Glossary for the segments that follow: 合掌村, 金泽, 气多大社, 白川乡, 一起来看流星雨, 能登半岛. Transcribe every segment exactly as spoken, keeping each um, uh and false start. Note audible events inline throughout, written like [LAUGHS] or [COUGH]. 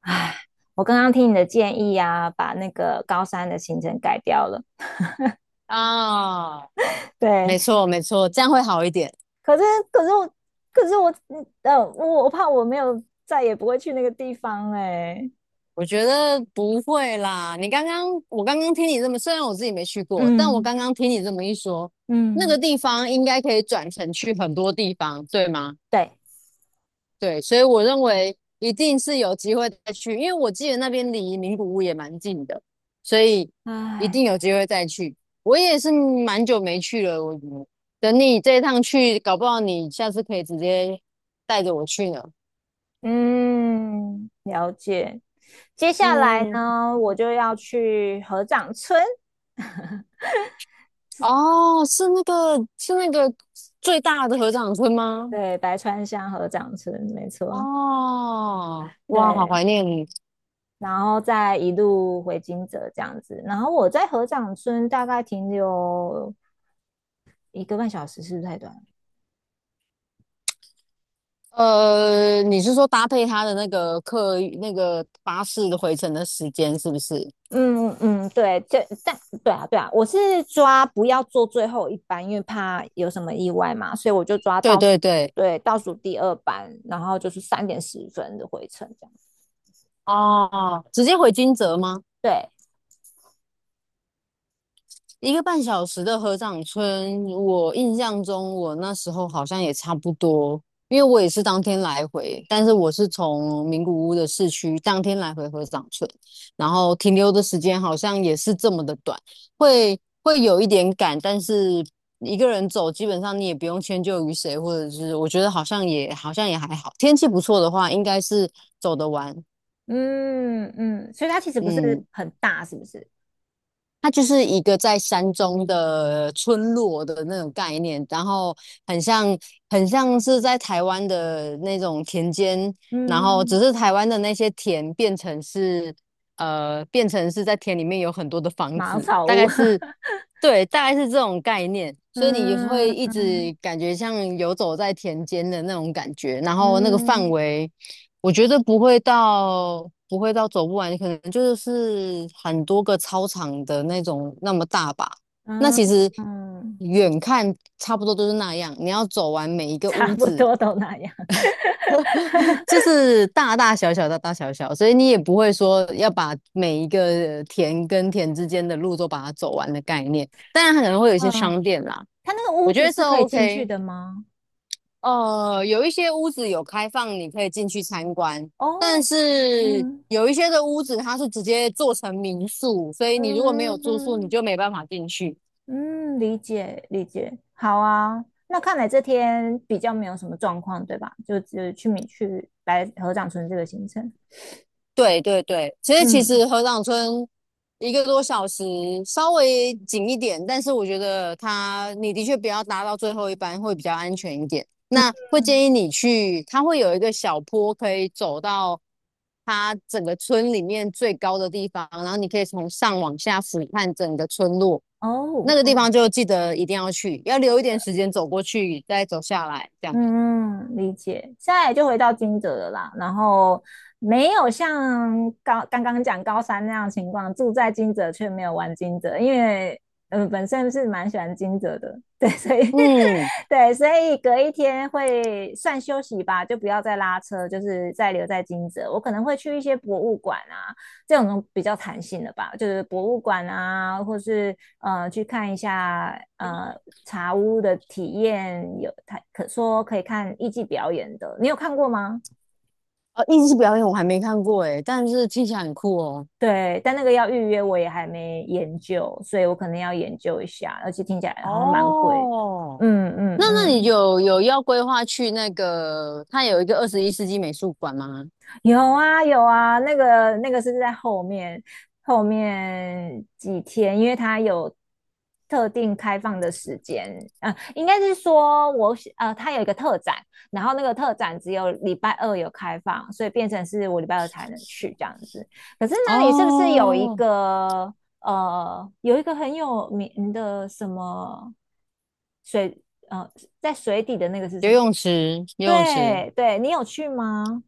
唉，我刚刚听你的建议啊，把那个高三的行程改掉了。啊，对，没错没错，这样会好一点。可是可是我可是我呃，我我怕我没有再也不会去那个地方哎、我觉得不会啦。你刚刚，我刚刚听你这么，虽然我自己没去过，但我嗯刚刚听你这么一说，那个嗯，地方应该可以转乘去很多地方，对吗？对，对，所以我认为一定是有机会再去，因为我记得那边离名古屋也蛮近的，所以一定有唉，机会再去。我也是蛮久没去了，我等你这一趟去，搞不好你下次可以直接带着我去呢。嗯，了解。接下来嗯，呢，我就要去合掌村，哦，是那个是那个最大的合掌村吗？对，白川乡合掌村，没错，哦，哇，好对，怀念你。然后再一路回金泽这样子。然后我在合掌村大概停留一个半小时是不是太短了？呃，你是说搭配他的那个客运那个巴士的回程的时间是不是？嗯嗯，对，这但对啊对啊，我是抓不要做最后一班，因为怕有什么意外嘛，所以我就抓对倒数，对对，对，倒数第二班，然后就是三点十分的回程这样。哦，直接回金泽吗？对，一个半小时的合掌村，我印象中我那时候好像也差不多，因为我也是当天来回，但是我是从名古屋的市区当天来回合掌村，然后停留的时间好像也是这么的短，会会有一点赶，但是一个人走，基本上你也不用迁就于谁，或者是我觉得好像也好像也还好，天气不错的话，应该是走得完。嗯嗯，所以它其实不是嗯。很大，是不是？它就是一个在山中的村落的那种概念，然后很像很像是在台湾的那种田间，然后嗯，只是台湾的那些田变成是呃变成是在田里面有很多的房茅子，草大屋，概 [LAUGHS] 是对，大概是这种概念，所以你会嗯一嗯直感觉像游走在田间的那种感觉，然后那个范嗯围。我觉得不会到不会到走不完，可能就是很多个操场的那种那么大吧。那嗯其实嗯 远看差不多都是那样，你要走完每一 [LAUGHS] 个差屋不子，多都那样。[LAUGHS] 就是大大小小大大小小，所以你也不会说要把每一个田跟田之间的路都把它走完的概念。当然，它可能会有一些商嗯，店啦，它那个我屋觉子得是 是可以进去 OK。的吗？呃，有一些屋子有开放，你可以进去参观，哦，但是嗯，有一些的屋子它是直接做成民宿，所以你如果没有住宿，你嗯就没办法进去。嗯，理解理解，好啊。那看来这天比较没有什么状况，对吧？就只去米去白合掌村这个行程。对对对，其实其嗯实河长村一个多小时稍微紧一点，但是我觉得它你的确不要搭到最后一班会比较安全一点。那会嗯，建议你去，它会有一个小坡可以走到它整个村里面最高的地方，然后你可以从上往下俯瞰整个村落。那哦个地哦，方就记得一定要去，要留一点时间走过去，再走下来这样。嗯，嗯，理解。现在就回到金蛰了啦，然后没有像高刚刚讲高三那样情况，住在金蛰却没有玩金蛰，因为呃本身是蛮喜欢金蛰的，对，所以 嗯，[LAUGHS] 对，所以隔一天会算休息吧，就不要再拉车，就是再留在金蛰。我可能会去一些博物馆啊，这种比较弹性的吧，就是博物馆啊，或是呃去看一下呃茶屋的体验，有他可说可以看艺伎表演的，你有看过吗？呃，艺术表演我还没看过诶，但是听起来很酷哦。对，但那个要预约，我也还没研究，所以我可能要研究一下，而且听起来好像蛮贵的。哦，嗯那嗯那你嗯，有有要规划去那个，它有一个二十一世纪美术馆吗？有啊有啊，那个那个是在后面后面几天，因为它有特定开放的时间，呃，应该是说我喜呃，它有一个特展，然后那个特展只有礼拜二有开放，所以变成是我礼拜二才能去这样子。可是那里是不是有一哦，个呃有一个很有名的什么水呃在水底的那个是游什么？泳池，游泳池。对对，你有去吗？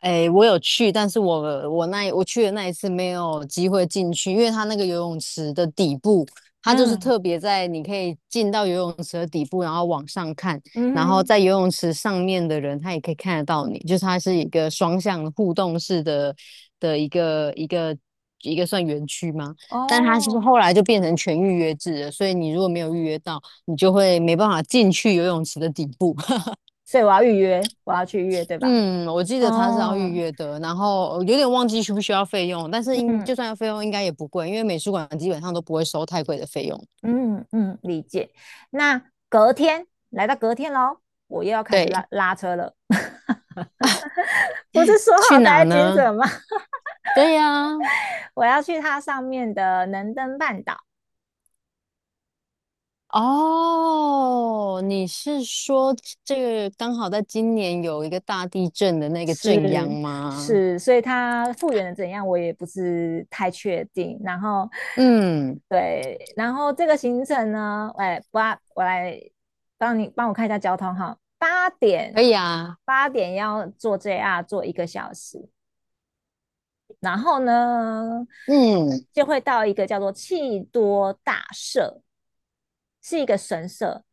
哎，我有去，但是我我那一我去的那一次没有机会进去，因为它那个游泳池的底部，它就是嗯。特别在你可以进到游泳池的底部，然后往上看，嗯然后哼。在游泳池上面的人，他也可以看得到你，就是它是一个双向互动式的的一个一个一个算园区吗？但它是哦，后来就变成全预约制了，所以你如果没有预约到，你就会没办法进去游泳池的底部。所以我要预约，我要去预约，对吧？嗯，我记得他是要预哦，约的，然后呃有点忘记需不需要费用，但是应就嗯算要费用应该也不贵，因为美术馆基本上都不会收太贵的费用。嗯嗯，理解。那隔天来到隔天喽，我又要开始对，拉拉车了。[LAUGHS] 不是说去好待哪在金呢？泽吗？对呀，[LAUGHS] 我要去它上面的能登半岛。哦，你是说这个刚好在今年有一个大地震的那个震央是吗？是，所以它复原的怎样，我也不是太确定。然后，嗯，对，然后这个行程呢，哎，八，我来帮你帮我看一下交通哈。八点可以啊，八点要坐 J R 坐一个小时，然后呢嗯，就会到一个叫做气多大社，是一个神社。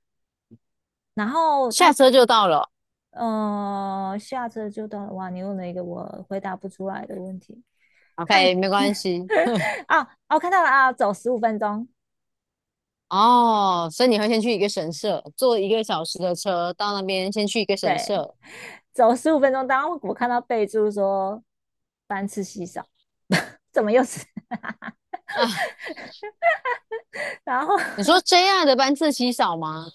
然后下它车就到了呃下车就到了，哇，你问了一个我回答不出来的问题。看，OK，没关系。啊哦，看到了啊，走十五分钟，哦，所以你会先去一个神社，坐一个小时的车到那边，先去一个神社。走十五分钟。当我看到备注说班次稀少，[LAUGHS] 怎么又是？[LAUGHS] 啊，[LAUGHS] 然后你说 J R 的班次稀少吗？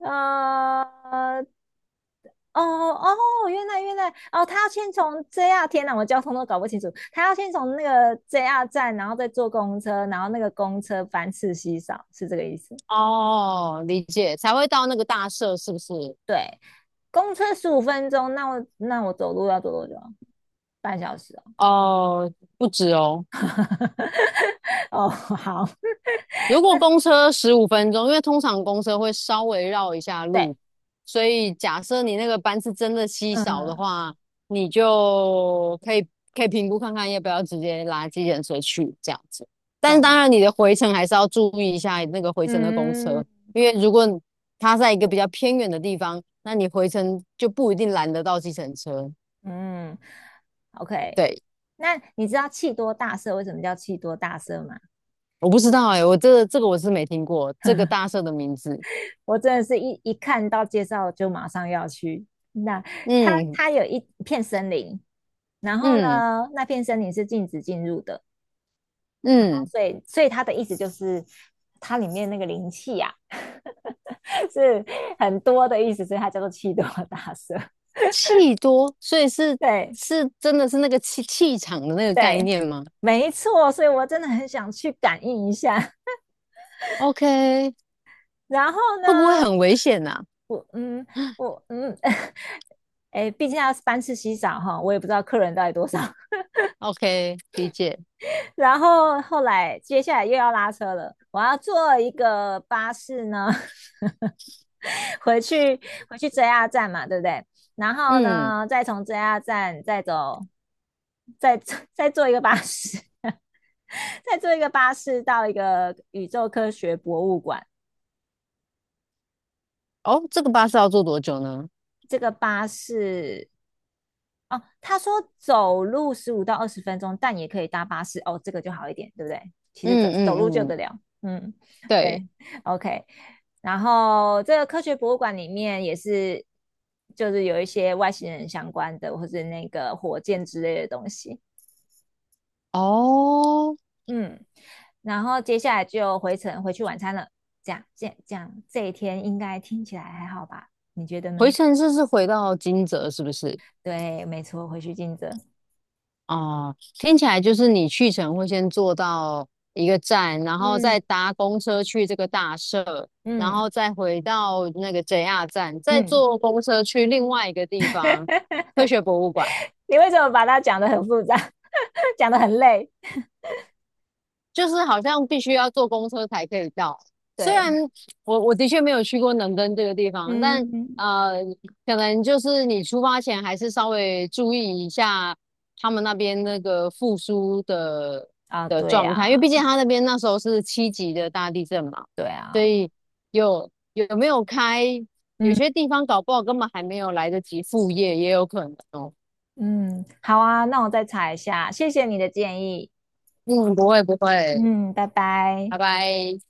呃，哦哦，原来原来哦，他要先从 J R，天哪，我交通都搞不清楚。他要先从那个 J R 站，然后再坐公车，然后那个公车班次稀少，是这个意思。哦，理解，才会到那个大社是不是？公车十五分钟，那我那我走路要走多久啊？半小时哦。哦，不止哦。[LAUGHS] 哦，好，如果公车十五分钟，因为通常公车会稍微绕一下 [LAUGHS] 对，路，所以假设你那个班次真的稀少的嗯，话，你就可以可以评估看看要不要直接拉计程车去这样子。但是当懂，然，你的回程还是要注意一下那个回程的公嗯。车，因为如果它在一个比较偏远的地方，那你回程就不一定拦得到计程车。嗯，OK。对，那你知道气多大社为什么叫气多大社吗？我不知道哎、我这个这个我是没听过这个大 [LAUGHS] 社的名字。我真的是一一看到介绍就马上要去。那它嗯它有一片森林，然后呢，嗯那片森林是禁止进入的，嗯。所以所以它的意思就是它里面那个灵气啊 [LAUGHS] 是很多的意思，所以它叫做气多大社。气多，所以是对是真的是那个气气场的那个概对，念吗没错，所以我真的很想去感应一下。？OK，[LAUGHS] 然后会不会呢，很危险呐、我嗯，我嗯 [LAUGHS]，哎，毕竟要班次稀少哈，我也不知道客人到底多少。[LAUGHS] o k 理解。然后后来接下来又要拉车了，我要坐一个巴士呢，[LAUGHS] 回去回去 J R 站嘛，对不对？然后嗯，呢，再从 J R 站再走，再再坐一个巴士，[LAUGHS] 再坐一个巴士到一个宇宙科学博物馆。哦，这个巴士要坐多久呢？这个巴士哦，他说走路十五到二十分钟，但也可以搭巴士。哦，这个就好一点，对不对？其实走嗯走嗯路就嗯，得了。嗯，对，对，OK。然后这个科学博物馆里面也是，就是有一些外星人相关的，或是那个火箭之类的东西。哦，嗯，然后接下来就回程回去晚餐了。这样，这样，这样，这一天应该听起来还好吧？你觉得回呢？程是是回到金泽是不是？对，没错，回去尽责。哦，听起来就是你去程会先坐到一个站，然后再嗯搭公车去这个大社，然嗯后再回到那个 J R 站，再嗯。坐公车去另外一个地方，科 [LAUGHS] 学博物馆。你为什么把它讲得很复杂 [LAUGHS]，讲得很累？就是好像必须要坐公车才可以到。虽对，然我我的确没有去过能登这个地方，但嗯，呃，可能就是你出发前还是稍微注意一下他们那边那个复苏的啊，的对状态，因为毕啊，竟他那边那时候是七级的大地震嘛，对所啊，以有有没有开，有嗯些地方搞不好根本还没有来得及复业，也有可能哦。嗯，好啊，那我再查一下，谢谢你的建议，嗯，不会不会，嗯，拜拜。拜拜。